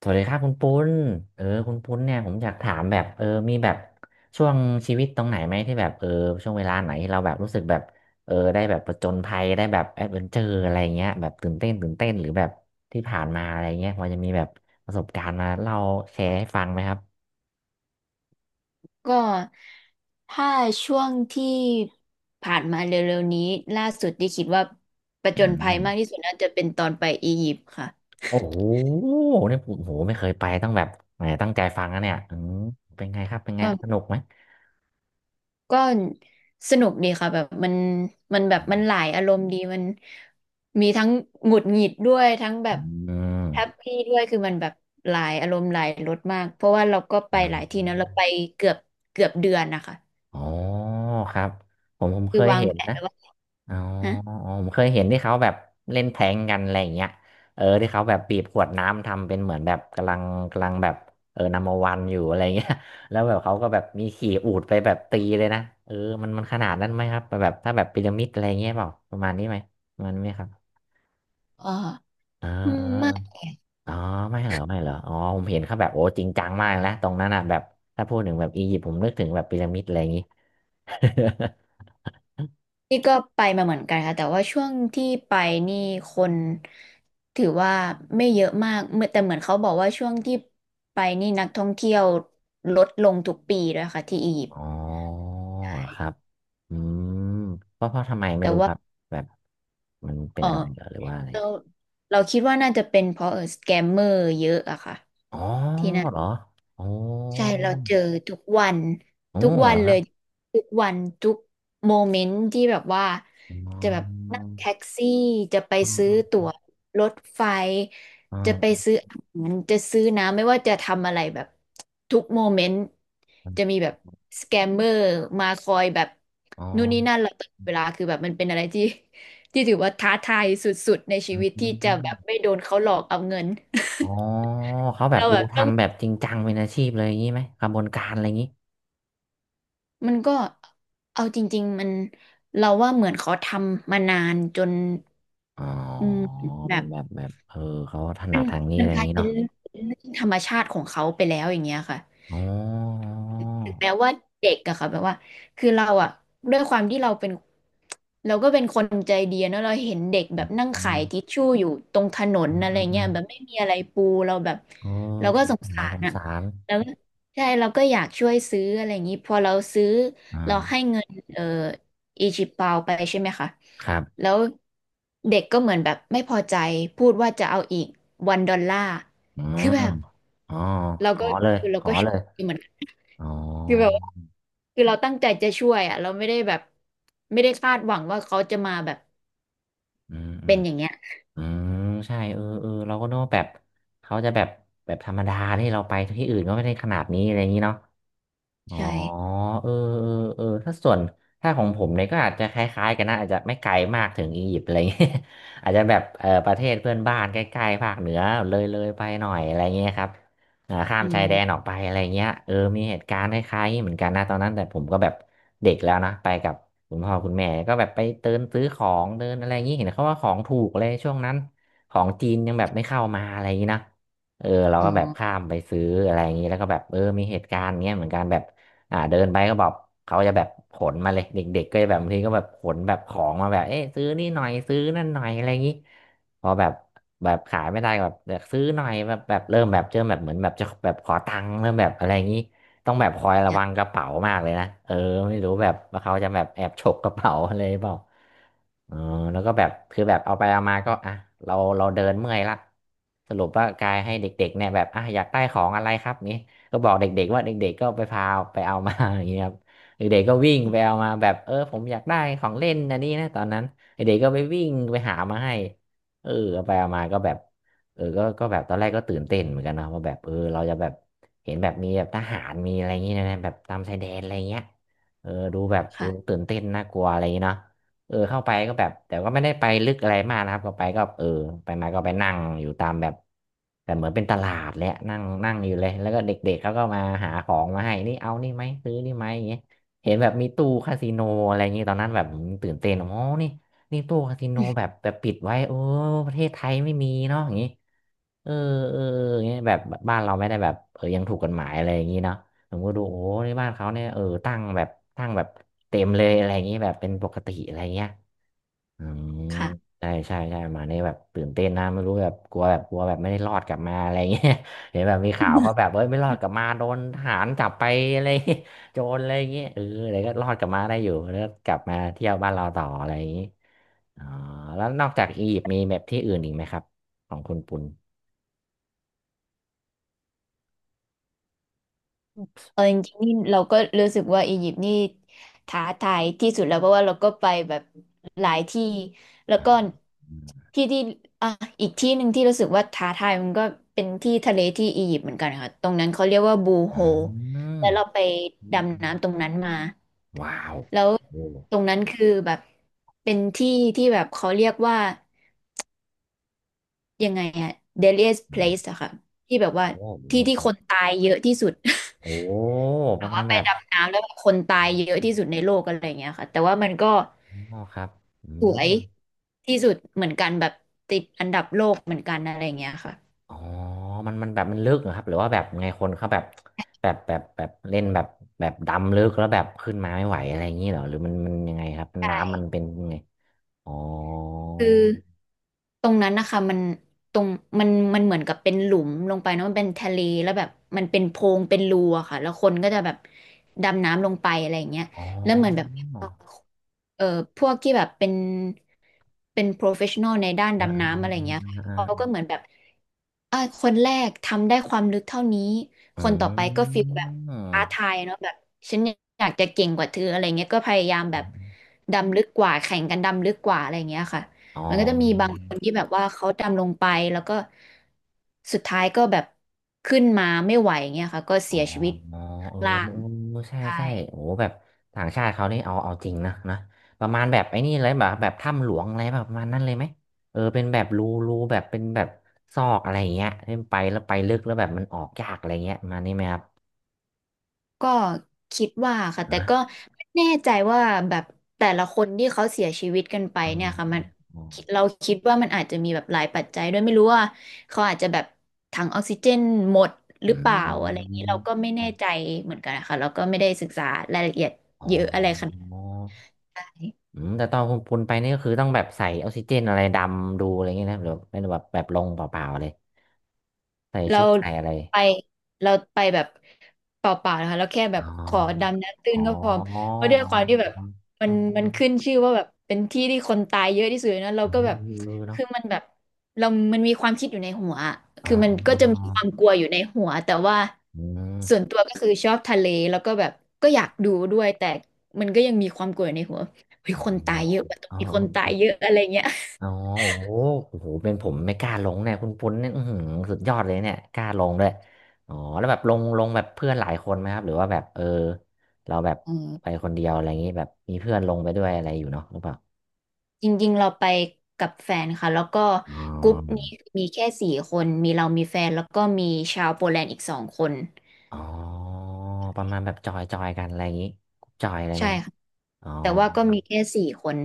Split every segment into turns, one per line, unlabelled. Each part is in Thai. สวัสดีครับคุณปุ้นคุณปุ้นเนี่ยผมอยากถามแบบมีแบบช่วงชีวิตตรงไหนไหมที่แบบช่วงเวลาไหนที่เราแบบรู้สึกแบบได้แบบผจญภัยได้แบบแอดเวนเจอร์อะไรเงี้ยแบบตื่นเต้นตื่นเต้นหรือแบบที่ผ่านมาอะไรเงี้ยพอจะมีแบบประสบการณ์มาเล่าแชร์ให้ฟังไหมครับ
ก็ถ้าช่วงที่ผ่านมาเร็วๆนี้ล่าสุดที่คิดว่าประ
อื
จนภั
ม
ยมากที่สุดน่าจะเป็นตอนไปอียิปต์ค่ะ
โอ้โหเนี่ยโอ้โหไม่เคยไปต้องแบบแหมตั้งใจฟังนะเนี่ยอืมเป็นไงครับเป็นไง
ก็
สนุกไหม
ก็สนุกดีค่ะแบบมันมันแบบ
อื
มันหลา
ม
ยอารมณ์ดีมันมีทั้งหงุดหงิดด้วยทั้งแบบแฮปปี้ด้วยคือมันแบบหลายอารมณ์หลายรสมากเพราะว่าเราก็ไป
อื
ห
ม
ลายที่นะเราไปเกือบเกือบเดือนนะคะ
อ๋อครับผมเค
คือ
ย
วาง
เห็
แผ
น
น
นะ
ไว้ว่า
อ๋อ
ฮะ
อ๋อผมเคยเห็นที่เขาแบบเล่นแทงกันอะไรอย่างเงี้ยที่เขาแบบบีบขวดน้ำทำเป็นเหมือนแบบกำลังแบบนัมเบอร์วันอยู่อะไรเงี้ย แล้วแบบเขาก็แบบมีขี่อูฐไปแบบตีเลยนะเออมันขนาดนั้นไหมครับแบบถ้าแบบพีระมิดอะไรเงี้ยเปล่าประมาณนี้ไหมประมาณนี้ไหมครับ
อ๋อ
เออเอออ๋อไม่เหรอไม่เหรออ๋อผมเห็นเขาแบบโอ้จริงจังมากนะตรงนั้นอ่ะแบบถ้าพูดถึงแบบอียิปต์ผมนึกถึงแบบพีระมิดอะไรอย่างงี้
นี่ก็ไปมาเหมือนกันค่ะแต่ว่าช่วงที่ไปนี่คนถือว่าไม่เยอะมากเหมื่อนแต่เหมือนเขาบอกว่าช่วงที่ไปนี่นักท่องเที่ยวลดลงทุกปีด้วยค่ะที่อียิปต์
อ๋อเหรอครับอืมเพราะทำไมไม่
แต่
รู้ค
ว่า
รับแบบมันเป็
เอ
น
อ
อะไรเหรอหรือว่าอะไร
เราเราคิดว่าน่าจะเป็นเพราะสแกมเมอร์เยอะอะค่ะ
อ๋อ
ที่นั่น
เหรออ๋อ
ใช่เราเจอทุกวัน
โอ้
ทุก
เห
วั
ร
น
อค
เล
รับ
ยทุกวันทุกโมเมนต์ที่แบบว่า
อ๋
จะแบบ
อ
นั่งแท็กซี่จะไป
อ๋
ซื้อตั๋
อ
วรถไฟ
อ๋
จะไป
อ
ซื้ออาหารจะซื้อน้ำไม่ว่าจะทำอะไรแบบทุกโมเมนต์
อ๋
จะมี
อ
แบบสแกมเมอร์มาคอยแบบนู่นนี่นั่นเราตลอดเวลาคือแบบมันเป็นอะไรที่ ที่ถือว่าท้าทายสุดๆในชีวิตที่จะแบบไม่โดนเขาหลอกเอาเงิน
อ๋อ เขาแบบ
เรา
ดู
แบบต้อง
ทำแบบจริงจังเป็นอาชีพเลยอย่างนี้ไหมกระบวนการอะไรอย่างนี้
มันก็เอาจริงๆมันเราว่าเหมือนเขาทำมานานจน
อ๋อ
อืมแบ
เป็น
บ
แบบเขาถ
มั
นั
น
ดทางนี้
มั
อะ
น
ไรอ
ก
ย่าง
ลาย
นี้
เป็น
เนาะ
เรื่องธรรมชาติของเขาไปแล้วอย่างเงี้ยค่ะ
อ๋อ
ถึงแม้ว่าเด็กอะค่ะแบบว่าคือเราอะด้วยความที่เราเป็นเราก็เป็นคนใจดีเนอะเราเห็นเด็กแบบนั่งขายทิชชู่อยู่ตรงถนนอะไรเงี้ยแบบไม่มีอะไรปูเราแบบ
อ๋อ
เราก็
สง
สง
สา
สา
รส
ร
ง
อะ
สาร
แล้วก็ใช่เราก็อยากช่วยซื้ออะไรอย่างงี้พอเราซื้อ
อ
เราให้
่า
เงินอีจิปเปาไปใช่ไหมคะ
ครับ
แล้วเด็กก็เหมือนแบบไม่พอใจพูดว่าจะเอาอีกวันดอลลาร์
อื
คือ
ม
แบบ
อ๋อ
เรา
ข
ก็
อเลย
คือเรา
ขอ
ก็ช็
เล
อก
ย
อยู่เหมือนกัน
อ๋อ
คือแบบ คือเราตั้งใจจะช่วยอ่ะเราไม่ได้แบบไม่ได้คาดหวังว่าเขาจะมาแบบ
อืมอื
เป็
ม
นอย่างเงี้ย
อืม ใช่เราก็นึกว่าแบบ เขาจะแบบ แบบธรรมดาที่เราไปที่อื่นก็ไม่ได้ขนาดนี้อะไรอย่างนี้เนาะ อ๋อ
ใช่
เออเออถ้าส่วนถ้าของผมเนี่ยก็อาจจะคล้ายๆกันนะอาจจะไม่ไกลมากถึงอียิปต์อะไรเงี้ย อาจจะแบบประเทศเพื่อนบ้านใกล้ๆภาคเหนือเลยไปหน่อยอะไรเงี้ยครับอ่าข้าม
อื
ชายแดนอ
ม
อกไปอะไรเงี้ยมีเหตุการณ์คล้ายๆเหมือนกันนะตอนนั้นแต่ผมก็แบบเด็กแล้วนะไปกับคุณพ่อคุณแม่ก็แบบไปเดินซื้อของเดินอะไรเงงี้ยเห็นเขาว่าของถูกเลยช่วงนั้นของจีนยังแบบไม่เข้ามาอะไรอย่างงี้นะเออเรา
อ๋อ
ก็แบบข้ามไปซื้ออะไรอย่างนี้แล้วก็แบบมีเหตุการณ์เงี้ยเหมือนกันแบบ อ่าเดินไปก็บอกเขาจะแบบขนมาเลยเด็กๆก็จะแบบบางทีก็แบบขนแบบของมาแบบเอ๊ะซื้อนี่หน่อยซื้อนั่นหน่อยอะไรอย่างนี้พอแบบแบบขายไม่ได้ก็แบบอยากซื้อหน่อยแบบเริ่มแบบเหมือนแบบจะแบบขอตังค์เริ่มแบบอะไรอย่างนี้ต้องแบบคอยระ
เนี่ย
วังกระเป๋ามากเลยนะเออไม่รู้แบบว่าเขาจะแบบแอบฉกกระเป๋าอะไรหรือเปล่าเออแล้วก็แบบคือแบบเอาไปเอามาก็อ่ะเราเดินเมื่อยละสรุปว่ากายให้เด็กๆเนี่ยแบบอ่ะอยากได้ของอะไรครับนี่ ก็บอกเด็กๆว่าเด็กๆก็ไปพาไปเอามา อย่างเงี้ยครับเด็กๆก็วิ่งไปเอามาแบบผมอยากได้ของเล่นอันนี้นะตอนนั้นเด็กๆก็ไปวิ่งไปหามาให้เออเอาไปเอามาก็แบบก็แบบตอนแรกก็ตื่นเต้นเหมือนกันนะว่าแบบเราจะแบบเห็นแบบมีแบบทหารมีอะไรอย่างเงี้ยนะแบบตามชายแดนอะไรเงี้ยดูแบบดู
ค่ะ
ตื่นเต้นน่ากลัวอะไรอย่างเงี้ยเนาะ เข้าไปก็แบบแต่ก็ไม่ได้ไปลึกอะไรมากนะครับก็ไปก็ไปมาก็ไปนั่งอยู่ตามแบบแต่เหมือนเป็นตลาดแหละนั่งนั่งอยู่เลยแล้วก็เด็กๆเขาก็มาหาของมาให้นี่เอานี่ไหมซื้อนี่ไหมอย่างเงี้ยเห็นแบบมีตู้คาสิโนอะไรอย่างงี้ตอนนั้นแบบผมตื่นเต้นอ๋อนี่นี่ตู้คาสิโนแบบแบบปิดไว้โอ้ประเทศไทยไม่มีเนาะอย่างงี้เอออย่างเงี้ยแบบบ้านเราไม่ได้แบบยังถูกกฎหมายอะไรอย่างงี้เนาะ ผมก็ดูโอ้ในบ้านเขาเนี่ยตั้งแบบเต็มเลยอะไรอย่างนี้แบบเป็นปกติอะไรเงี้ยอืม
ค่ะ
ใช่ใช่ใช่มาเนี่ยแบบตื่นเต้นนะไม่รู้แบบกลัวแบบไม่ได้รอดกลับมาอะไรเงี้ย เห็นแบบมีข่าวเขา แบบเอ้ยไม่รอดกลับมาโดนทหารจับไปอะไร เงี้ยโจรอะไรเงี้ยเอออะไรก็รอดกลับมาได้อยู่แล้วก็กลับมาเที่ยวบ้านเราต่ออะไรอย่างนี้อ๋อแล้วนอกจากอียิปต์มีแบบที่อื่นอีกไหมครับของคุณปุณ
เออจริงๆนี่เราก็รู้สึกว่าอียิปต์นี่ท้าทายที่สุดแล้วเพราะว่าเราก็ไปแบบหลายที่แล้ว
อ่า
ก็
อืม
ที่ที่อ่ะอีกที่หนึ่งที่รู้สึกว่าท้าทายมันก็เป็นที่ทะเลที่อียิปต์เหมือนกันค่ะตรงนั้นเขาเรียกว่าบูโฮแล้วเราไป
อื
ดำ
ม
น้ำตรงนั้นมา
ว้าว
แล้ว
โอ้
ตรงนั้นคือแบบเป็นที่ที่แบบเขาเรียกว่ายังไงอะ deadliest place อะค่ะที่แบบว่า
โอ้หมูห
ที่
มก
ที่
ครั
ค
บ
นตายเยอะที่สุด
โอ้ ป
แบ
ระ
บ
มา
ว่า
ณ
ไป
แบบ
ดำน้ำแล้วแบบคนตายเยอะที่สุดในโลกอะไรอย่างเงี้ยค่ะแต่ว่ามันก็
อ๋อครับอื
สว
ม
ยที่สุดเหมือนกันแบบติดอันดับโลกเหมือนกันอะไรอย่างเงี้ยค่ะ
อ๋อมันแบบมันลึกเหรอครับหรือว่าแบบไงคนเขาแบบแบบเล่นแบบแบบดำลึกแล้วแบบขึ้นมาไม่ไหวอะไรอย่างนี้เหรอหรือมันยังไงครับน้ำมันเป็นยังไงอ๋อ
คือ ตรงนั้นนะคะมันตรงมันมันเหมือนกับเป็นหลุมลงไปเนอะมันเป็นทะเลแล้วแบบมันเป็นโพรงเป็นรูอะค่ะแล้วคนก็จะแบบดำน้ำลงไปอะไรอย่างเงี้ย
อ๋อ
แล้วเหมือนแบบเอ่อพวกที่แบบเป็น professional ในด้าน
เออ
ดำน้ำอะไรอย่างเงี้ย
เอ
เขา
อ
ก็เหมือนแบบ คนแรกทำได้ความลึกเท่านี้
เอ
คนต่อไปก็
อ
ฟีลแบบ
เออเอ
ท้า
อ
ทายเนาะแบบฉันอยากจะเก่งกว่าเธออะไรเงี้ยก็พยายามแบ
อื
บ
ม
ดำลึกกว่าแข่งกันดำลึกกว่าอะไรเงี้ยค่ะ
อ๋อ
มันก็จะมีบางคนที่แบบว่าเขาดำลงไปแล้วก็สุดท้ายก็แบบขึ้นมาไม่ไหวเงี้ยค่ะก็
อ๋อ
เสียชีวิต
เออ
ข้างล่าง
เออใช่
ใช่
ใช่โอ้แบบต่างชาติเขานี่เอาเอาจริงนะนะประมาณแบบไอ้นี่เลยแบบแบบถ้ำหลวงอะไรแบบประมาณนั้นเลยไหมเออเป็นแบบรูรูแบบเป็นแบบซอกอะไรอย่างเงี้ยที่ไปแล้วไปลึกแล้วแบบมันออกยากอะไรเงี้ยประมาณนี้ไหมครับ
ก็คิดว่าค่ะแต่
นะ
ก็ไม่แน่ใจว่าแบบแต่ละคนที่เขาเสียชีวิตกันไป
อื
เนี่ย
ม
ค่ะมัน
อม
เราคิดว่ามันอาจจะมีแบบหลายปัจจัยด้วยไม่รู้ว่าเขาอาจจะแบบถังออกซิเจนหมดห
อื
รือเปล่าอะไรอย่างนี้เราก็
ม
ไม่แน่ใจเหมือนกันนะคะเราก็ไม่ได้ศึกษารายละเอียด
อ๋
เยอะอะไรข
อ
นาดนั้น
อืมแต่ตอนคุณปุณไปนี่ก็คือต้องแบบใส่ออกซิเจนอะไรดำดูอะไรเงี้ยนะหรือเป็นแบบแบบลงเปล่าๆเลยใส่
เรา
ชุดใส่อะไร
ไปเราไปแบบเปล่าๆนะคะเราแค่แบ
อ๋อ
บขอดำน้ำตื้
อ๋
น
อ
ก็พอ
อ๋อ
เพราะด้วย
อ๋อ
ความที่แบบ
เอ
มั
อ
นมั
เอ
น
อ
ขึ้นชื่อว่าแบบเป็นที่ที่คนตายเยอะที่สุดนะเรา
เออ
ก็แบบ
เนาะ
คือมันแบบเรามันมีความคิดอยู่ในหัวอะ
อ๋อ
คือมันก็
อ๋อ
จะมีความกลัวอยู่ในหัวแต่ว่า
อื
ส่วน
ม
ตัวก็คือชอบทะเลแล้วก็แบบก็อยากดูด้วยแต่มันก็ยังมีความกลัวอยู่ในหัวเฮ้ย
อ๋อ
คนตายเยอะว่ะตรง
อ๋อ
นี้คนตายเยอะอะไรเงี้ย
อ๋อโอ้โหโอ้โหเป็นผมไม่กล้าลงเนี่ยคุณปุ้นเนี่ยอื้อหือสุดยอดเลยเนี่ยกล้าลงด้วยอ๋อแล้วแบบลงแบบเพื่อนหลายคนไหมครับหรือว่าแบบเออเราแบบ
อื
ไป
ม
คนเดียวอะไรอย่างงี้แบบมีเพื่อนลงไปด้วยอะไรอยู่เนาะหรือเปล่า
จริงๆ เราไปกับแฟนค่ะ แล้วก็
อ๋อ
กรุ๊ปนี้มีแค่สี่คน มีเรามีแฟนแล้วก็มีชาวโปแลนด์อีก2 คน
อ๋อประมาณแบบจอยจอยกันอะไรอย่างงี้จอยอะไรไหม
ใช่
ครับ
ค่ะ
อ๋อ
แต่ว่าก็มีแค่สี่คน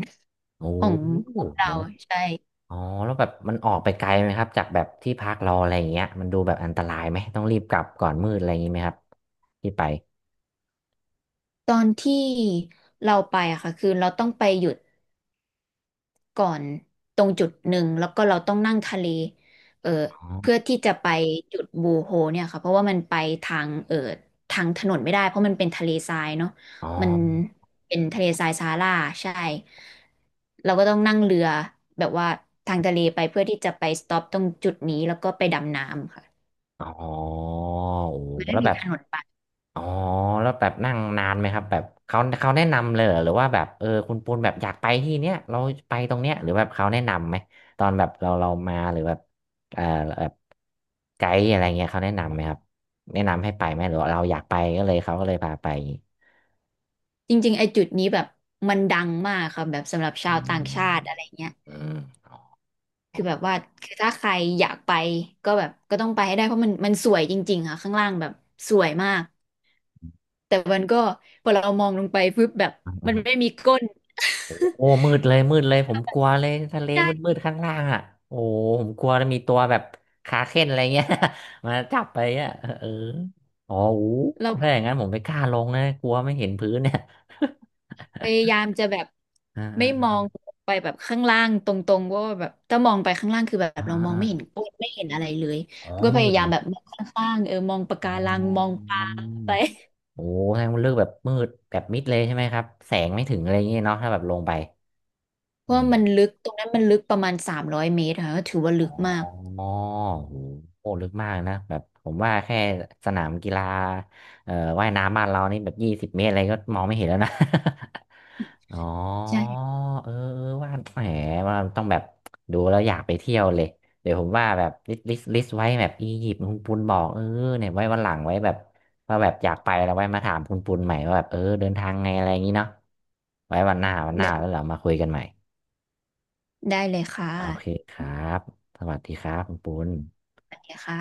โอ้
ของเรา
เนอะ
ใช่
อ๋อแล้วแบบมันออกไปไกลไหมครับจากแบบที่พักเราอะไรอย่างเงี้ยมันดูแบบอันตรายไหมต้องรีบกลับก่อนมืดอะไรอย่างงี้ไหมครับที่ไป
ตอนที่เราไปอะค่ะ คือเราต้องไปหยุด ก่อนตรงจุดหนึ่งแล้วก็เราต้องนั่งทะเลเออ
อ๋อ
เพื่อที่จะไปจุดบูโฮเนี่ยค่ะเพราะว่ามันไปทางทางถนนไม่ได้เพราะมันเป็นทะเลทรายเนาะ
อ๋อ
มันเป็นทะเลทรายซาฮาราใช่เราก็ต้องนั่งเรือแบบว่าทางทะเลไปเพื่อที่จะไปสต็อปตรงจุดนี้แล้วก็ไปดำน้ำค่ะ
อ๋อโอ้
มันไม่
แล้ว
มี
แบบ
ถนนไป
อ๋อแล้วแบบนั่งนานไหมครับแบบเขาแนะนำเลยเหรอหรือว่าแบบเออคุณปูนแบบอยากไปที่เนี้ยเราไปตรงเนี้ยหรือแบบเขาแนะนำไหมตอนแบบเรามาหรือแบบเออแบบไกด์อะไรเงี้ยเขาแนะนำไหมครับแนะนำให้ไปไหมหรือว่าเราอยากไปก็เลยเขาก็เลยพาไปอย่างงี้
จริงๆไอ้จุดนี้แบบมันดังมากค่ะแบบสำหรับชา
อื
วต่าง
ม
ชาติอะไรเงี้ย
อืม อ่
คือแบบ
า
ว่าคือถ้าใครอยากไปก็แบบก็ต้องไปให้ได้เพราะมันมันสวยจริงๆค่ะข้างล่างแบบสวยมากแต่มันก็พอเรามองลงไปปุ๊บแบบ
อ่
มันไม่
า
มีก้น
โอ้มื ดเลยมืดเลยผมกลัวเลยทะเลมืด
ใช่
มืดข้างล่างอ่ะโอ้ผมกลัวจะ้มีตัวแบบขาเข้นอะไรเงี้ย มาจับไปอ่ะเอออ๋ออู้
เรา
ถ้าอย่า
ก็
งนั้นผมไม่กล้าลงนะกลัวไม่เห็นพื้นเนี่ย
พยายามจะแบบ
อ่า
ไม่มอ
อ่า
งไปแบบข้างล่างตรงๆเพราะว่าแบบถ้ามองไปข้างล่างคือแบบ
อ่า
เรามอง
อ่า
ไม่เห็นก้นไม่เห็นอะไรเลย
อ๋อ
ก็พ
มื
ยา
ด
ยา
เล
ม
ย
แบบมองข้างๆมองปะ
อ๋อ
การังมองปลาไป
โอ้ทางมันเลือกแบบมืดแบบมิดเลยใช่ไหมครับ แสงไม่ถึงอะไรอย่างเงี้ยเนาะถ้าแบบลงไป
เพราะว่ามันลึกตรงนั้นมันลึกประมาณ300 เมตรค่ะก็ถือว่าลึ
อ๋อ
กมาก
โหโหลึกมากนะแบบผมว่าแค่สนามกีฬาเอ่อว่ายน้ำบ้านเรานี่แบบ20 เมตรอะไรก็มองไม่เห็นแล้วนะ อ๋อ
ใช่
เออเออว่าแหมว่าต้องแบบดูแล้วอยากไปเที่ยวเลยเดี๋ยวผมว่าแบบลิสต์ไว้แบบอียิปต์คุณปุณบอกเออเนี่ยไว้วันหลังไว้แบบว่าแบบอยากไปแล้วไว้มาถามคุณปุณใหม่ว่าแบบเออเดินทางไงอะไรอย่างนี้เนาะไว้วันหน้า
ได้
แล้วเรามาคุยกันใหม่
ได้เลยค่ะ
โอเคครับสวัสดีครับคุณปุณ
สวัสดีค่ะ